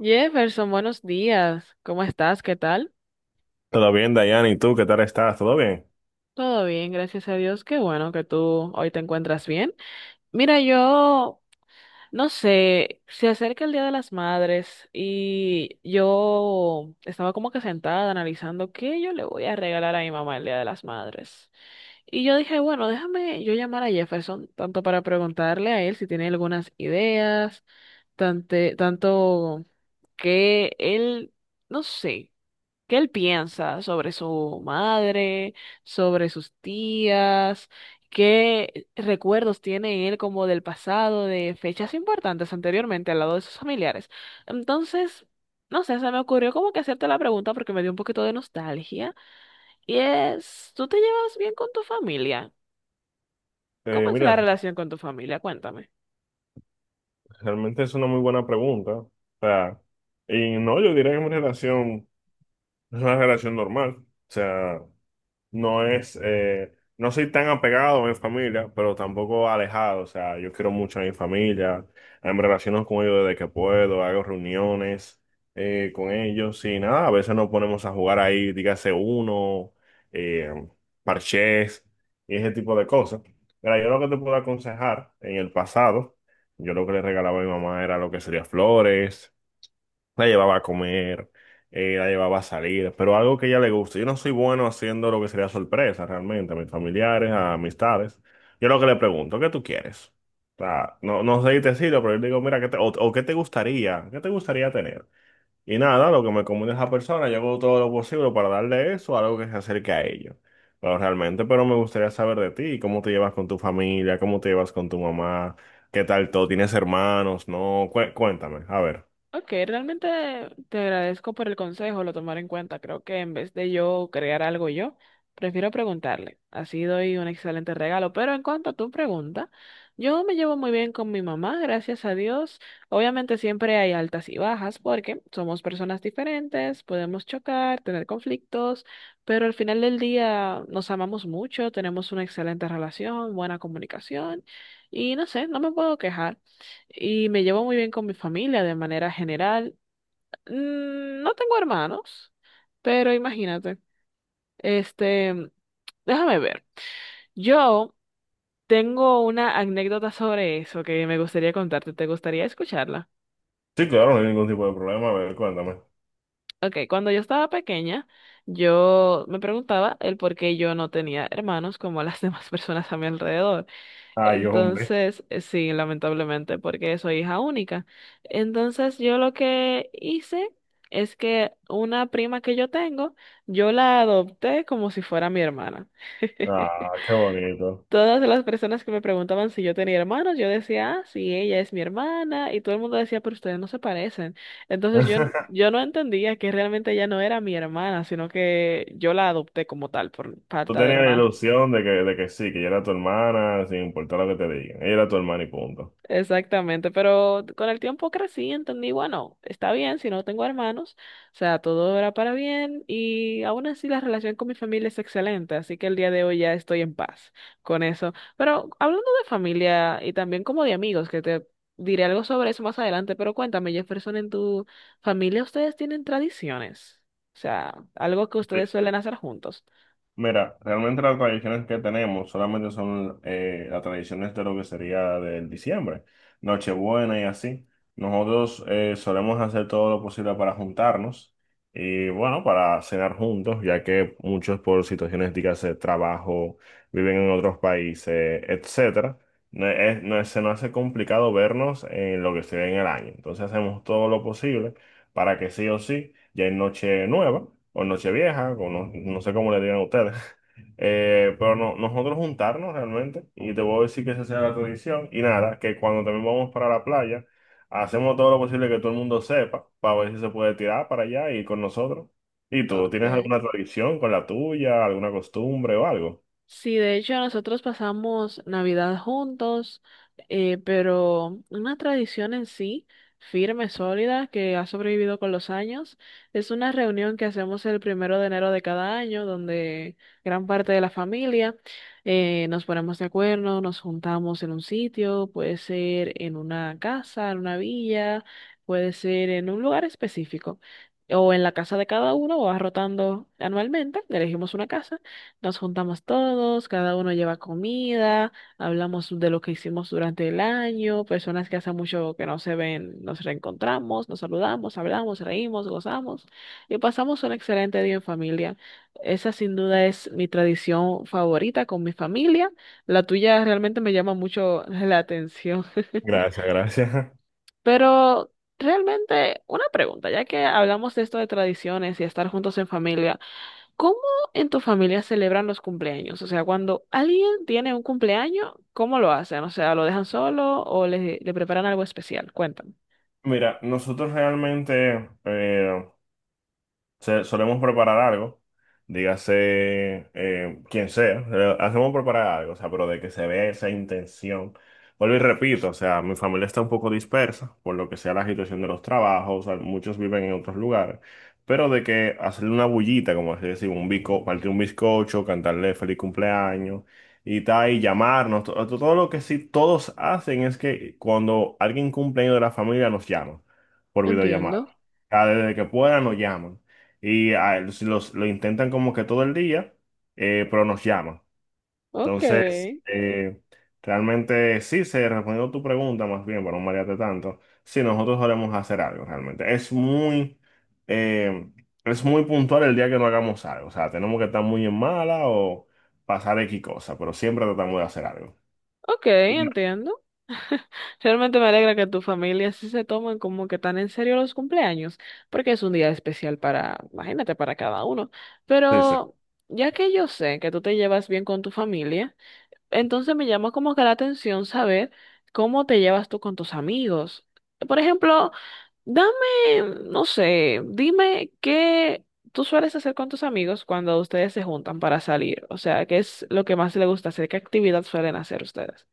Jefferson, buenos días. ¿Cómo estás? ¿Qué tal? Todo bien, Dayana, ¿y tú qué tal estás? ¿Todo bien? Todo bien, gracias a Dios. Qué bueno que tú hoy te encuentras bien. Mira, yo no sé, se acerca el Día de las Madres y yo estaba como que sentada analizando qué yo le voy a regalar a mi mamá el Día de las Madres. Y yo dije, bueno, déjame yo llamar a Jefferson, tanto para preguntarle a él si tiene algunas ideas, tanto que él, no sé. ¿Qué él piensa sobre su madre, sobre sus tías? ¿Qué recuerdos tiene él como del pasado, de fechas importantes anteriormente al lado de sus familiares? Entonces, no sé, se me ocurrió como que hacerte la pregunta porque me dio un poquito de nostalgia. Y es, ¿tú te llevas bien con tu familia? ¿Cómo es la Mira, relación con tu familia? Cuéntame. realmente es una muy buena pregunta. O sea, y no, yo diría que mi relación es una relación normal. O sea, no es, no soy tan apegado a mi familia, pero tampoco alejado. O sea, yo quiero mucho a mi familia, me relaciono con ellos desde que puedo, hago reuniones con ellos y nada, a veces nos ponemos a jugar ahí, dígase uno, eh, parchés y ese tipo de cosas. Mira, yo lo que te puedo aconsejar en el pasado, yo lo que le regalaba a mi mamá era lo que sería flores, la llevaba a comer, la llevaba a salir, pero algo que a ella le guste. Yo no soy bueno haciendo lo que sería sorpresa realmente a mis familiares, a amistades. Yo lo que le pregunto, ¿qué tú quieres? O sea, no, no sé decirlo, pero yo le digo, mira, ¿o qué te gustaría? ¿Qué te gustaría tener? Y nada, lo que me comunica esa persona, yo hago todo lo posible para darle eso, algo que se acerque a ello. Pero realmente, pero me gustaría saber de ti, cómo te llevas con tu familia, cómo te llevas con tu mamá, qué tal todo, tienes hermanos, no, cuéntame, a ver. Ok, realmente te agradezco por el consejo, lo tomaré en cuenta. Creo que en vez de yo crear algo yo, prefiero preguntarle. Así doy un excelente regalo. Pero en cuanto a tu pregunta, yo me llevo muy bien con mi mamá, gracias a Dios. Obviamente siempre hay altas y bajas porque somos personas diferentes, podemos chocar, tener conflictos, pero al final del día nos amamos mucho, tenemos una excelente relación, buena comunicación y no sé, no me puedo quejar y me llevo muy bien con mi familia de manera general. Mm, no tengo hermanos, pero imagínate. Este, déjame ver. Yo tengo una anécdota sobre eso que me gustaría contarte. ¿Te gustaría escucharla? Sí, claro, no hay ningún tipo de problema. A ver, cuéntame. Ok, cuando yo estaba pequeña, yo me preguntaba el por qué yo no tenía hermanos como las demás personas a mi alrededor. Ay, hombre. Entonces, sí, lamentablemente, porque soy hija única. Entonces, yo lo que hice es que una prima que yo tengo, yo la adopté como si fuera mi hermana. Ah, qué bonito. Todas las personas que me preguntaban si yo tenía hermanos, yo decía, ah, sí, ella es mi hermana, y todo el mundo decía, pero ustedes no se parecen. Entonces, yo no entendía que realmente ella no era mi hermana, sino que yo la adopté como tal por Tú parte de tenías la hermanos. ilusión de que sí, que ella era tu hermana, sin importar lo que te digan. Ella era tu hermana y punto. Exactamente, pero con el tiempo crecí, entendí, bueno, está bien si no tengo hermanos, o sea, todo era para bien y aún así la relación con mi familia es excelente, así que el día de hoy ya estoy en paz con eso. Pero hablando de familia y también como de amigos, que te diré algo sobre eso más adelante, pero cuéntame, Jefferson, ¿en tu familia ustedes tienen tradiciones? O sea, algo que ustedes suelen hacer juntos. Mira, realmente las tradiciones que tenemos solamente son las tradiciones de lo que sería del diciembre, Nochebuena y así. Nosotros solemos hacer todo lo posible para juntarnos y bueno, para cenar juntos, ya que muchos por situaciones, dígase, trabajo, viven en otros países, etcétera. No es- no es- Se nos hace complicado vernos en lo que se ve en el año. Entonces hacemos todo lo posible para que sí o sí ya es noche nueva o noche vieja, o no, no sé cómo le digan ustedes. Pero no, nosotros juntarnos realmente, y te voy a decir que esa sea la tradición, y nada, que cuando también vamos para la playa, hacemos todo lo posible que todo el mundo sepa, para ver si se puede tirar para allá y con nosotros. ¿Y tú, Ok. tienes alguna tradición con la tuya, alguna costumbre o algo? Sí, de hecho nosotros pasamos Navidad juntos, pero una tradición en sí, firme, sólida, que ha sobrevivido con los años, es una reunión que hacemos el primero de enero de cada año, donde gran parte de la familia nos ponemos de acuerdo, nos juntamos en un sitio, puede ser en una casa, en una villa, puede ser en un lugar específico. O en la casa de cada uno, o va rotando anualmente, elegimos una casa, nos juntamos todos, cada uno lleva comida, hablamos de lo que hicimos durante el año, personas que hace mucho que no se ven, nos reencontramos, nos saludamos, hablamos, reímos, gozamos y pasamos un excelente día en familia. Esa sin duda es mi tradición favorita con mi familia. La tuya realmente me llama mucho la atención. Gracias, gracias. Pero realmente una pregunta, ya que hablamos de esto de tradiciones y estar juntos en familia. ¿Cómo en tu familia celebran los cumpleaños? O sea, cuando alguien tiene un cumpleaños, ¿cómo lo hacen? O sea, ¿lo dejan le preparan algo especial? Cuéntame. Mira, nosotros realmente, solemos preparar algo, dígase quien sea, hacemos preparar algo, o sea, pero de que se vea esa intención. Vuelvo y repito, o sea, mi familia está un poco dispersa por lo que sea la situación de los trabajos, o sea, muchos viven en otros lugares, pero de que hacerle una bullita, como así decir, un bizco, partir un bizcocho, cantarle feliz cumpleaños y tal, y llamarnos, todo lo que sí todos hacen es que cuando alguien cumpleaños de la familia nos llama por videollamada. Entiendo. O sea, desde que puedan nos llaman y ah, lo intentan como que todo el día, pero nos llaman. Ok, Entonces, realmente sí, se respondió tu pregunta más bien, para no marearte tanto, sí, nosotros solemos hacer algo realmente. Eh, es muy puntual el día que no hagamos algo, o sea, tenemos que estar muy en mala o pasar X cosa, pero siempre tratamos de hacer algo. ok, Y no, entiendo. Realmente me alegra que tu familia sí se tomen como que tan en serio los cumpleaños, porque es un día especial para, imagínate, para cada uno. sí, sí. Pero ya que yo sé que tú te llevas bien con tu familia, entonces me llama como que la atención saber cómo te llevas tú con tus amigos. Por ejemplo, dame, no sé, dime qué tú sueles hacer con tus amigos cuando ustedes se juntan para salir. O sea, ¿qué es lo que más les gusta hacer? ¿Qué actividad suelen hacer ustedes?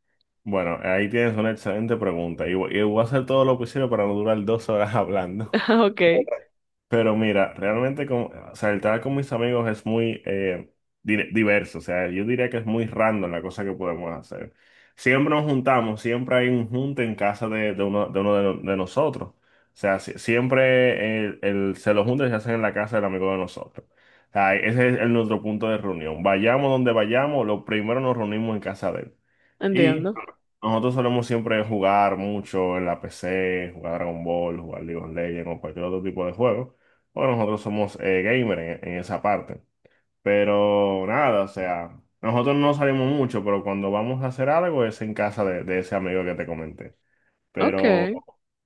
Bueno, ahí tienes una excelente pregunta y y voy a hacer todo lo posible para no durar dos horas hablando. Ok, Pero mira, realmente como, o sea, el tratar con mis amigos es muy diverso, o sea, yo diría que es muy random la cosa que podemos hacer. Siempre nos juntamos, siempre hay un junte en casa de uno, de nosotros. O sea, siempre se los junta se hacen en la casa del amigo de nosotros. O sea, ese es nuestro punto de reunión. Vayamos donde vayamos, lo primero nos reunimos en casa de él. Y entiendo. nosotros solemos siempre jugar mucho en la PC, jugar Dragon Ball, jugar League of Legends o cualquier otro tipo de juego. Bueno, nosotros somos gamer en esa parte. Pero nada, o sea, nosotros no salimos mucho, pero cuando vamos a hacer algo es en casa de ese amigo que te comenté. Ok. Pero, o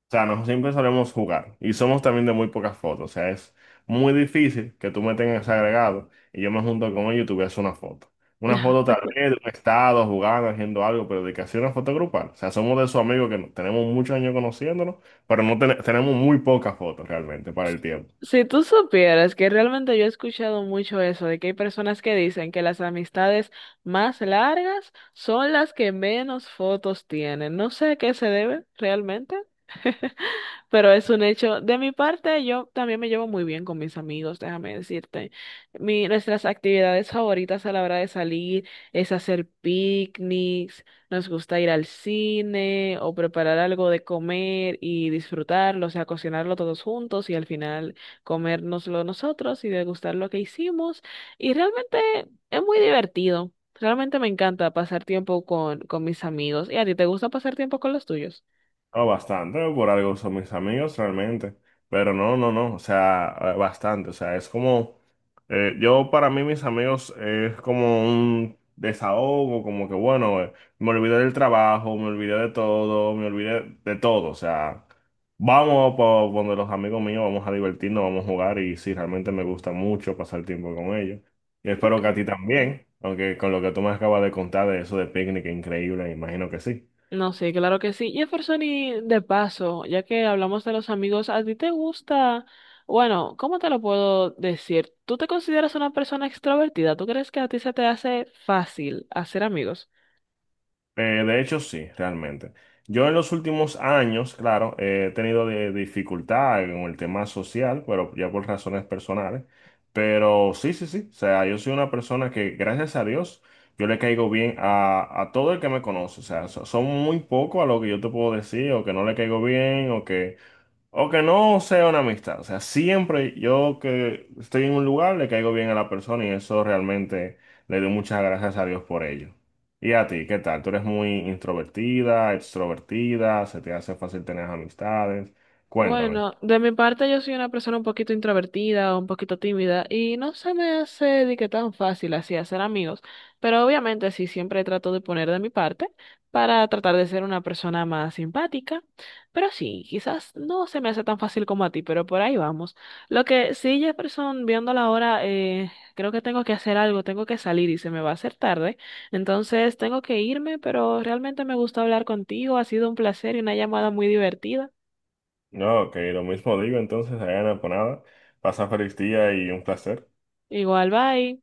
sea, nosotros siempre solemos jugar y somos también de muy pocas fotos. O sea, es muy difícil que tú me tengas agregado y yo me junto con ellos y tú veas una foto. Una foto tal vez de un estado, jugando, haciendo algo, pero de que hacía una foto grupal. O sea, somos de esos amigos que no tenemos muchos años conociéndonos, pero no ten- tenemos muy pocas fotos realmente para el tiempo. Si tú supieras que realmente yo he escuchado mucho eso, de que hay personas que dicen que las amistades más largas son las que menos fotos tienen. No sé a qué se debe realmente, pero es un hecho. De mi parte, yo también me llevo muy bien con mis amigos, déjame decirte. Nuestras actividades favoritas a la hora de salir es hacer picnics, nos gusta ir al cine o preparar algo de comer y disfrutarlo, o sea, cocinarlo todos juntos y al final comérnoslo nosotros y degustar lo que hicimos. Y realmente es muy divertido. Realmente me encanta pasar tiempo con mis amigos. ¿Y a ti te gusta pasar tiempo con los tuyos? No, bastante, ¿no? Por algo son mis amigos realmente. Pero no, no, no, o sea, bastante. O sea, es como, yo para mí mis amigos es como un desahogo, como que bueno, me olvidé del trabajo, me olvidé de todo, me olvidé de todo. O sea, vamos por donde los amigos míos, vamos a divertirnos, vamos a jugar y sí, realmente me gusta mucho pasar tiempo con ellos. Y espero que a Okay. ti también, aunque con lo que tú me acabas de contar de eso de picnic, increíble, imagino que sí. No, sí, claro que sí. Jefferson, y de paso, ya que hablamos de los amigos, ¿a ti te gusta? Bueno, ¿cómo te lo puedo decir? ¿Tú te consideras una persona extrovertida? ¿Tú crees que a ti se te hace fácil hacer amigos? De hecho, sí, realmente. Yo en los últimos años, claro, he tenido dificultad con el tema social, pero ya por razones personales. Pero sí, sí, sí. O sea, yo soy una persona que, gracias a Dios, yo le caigo bien a todo el que me conoce. O sea, son muy pocos a lo que yo te puedo decir, o que no le caigo bien, o que no sea una amistad. O sea, siempre yo que estoy en un lugar le caigo bien a la persona y eso realmente le doy muchas gracias a Dios por ello. ¿Y a ti, qué tal? ¿Tú eres muy introvertida, extrovertida? ¿Se te hace fácil tener amistades? Cuéntame. Bueno, de mi parte yo soy una persona un poquito introvertida, un poquito tímida y no se me hace de que tan fácil así hacer amigos, pero obviamente sí siempre trato de poner de mi parte para tratar de ser una persona más simpática, pero sí, quizás no se me hace tan fácil como a ti, pero por ahí vamos. Lo que sí, Jefferson, viendo la hora, creo que tengo que hacer algo, tengo que salir y se me va a hacer tarde, entonces tengo que irme, pero realmente me gusta hablar contigo, ha sido un placer y una llamada muy divertida. No, ok, lo mismo digo entonces, Diana, por nada. Pasa feliz día y un placer. Igual, bye.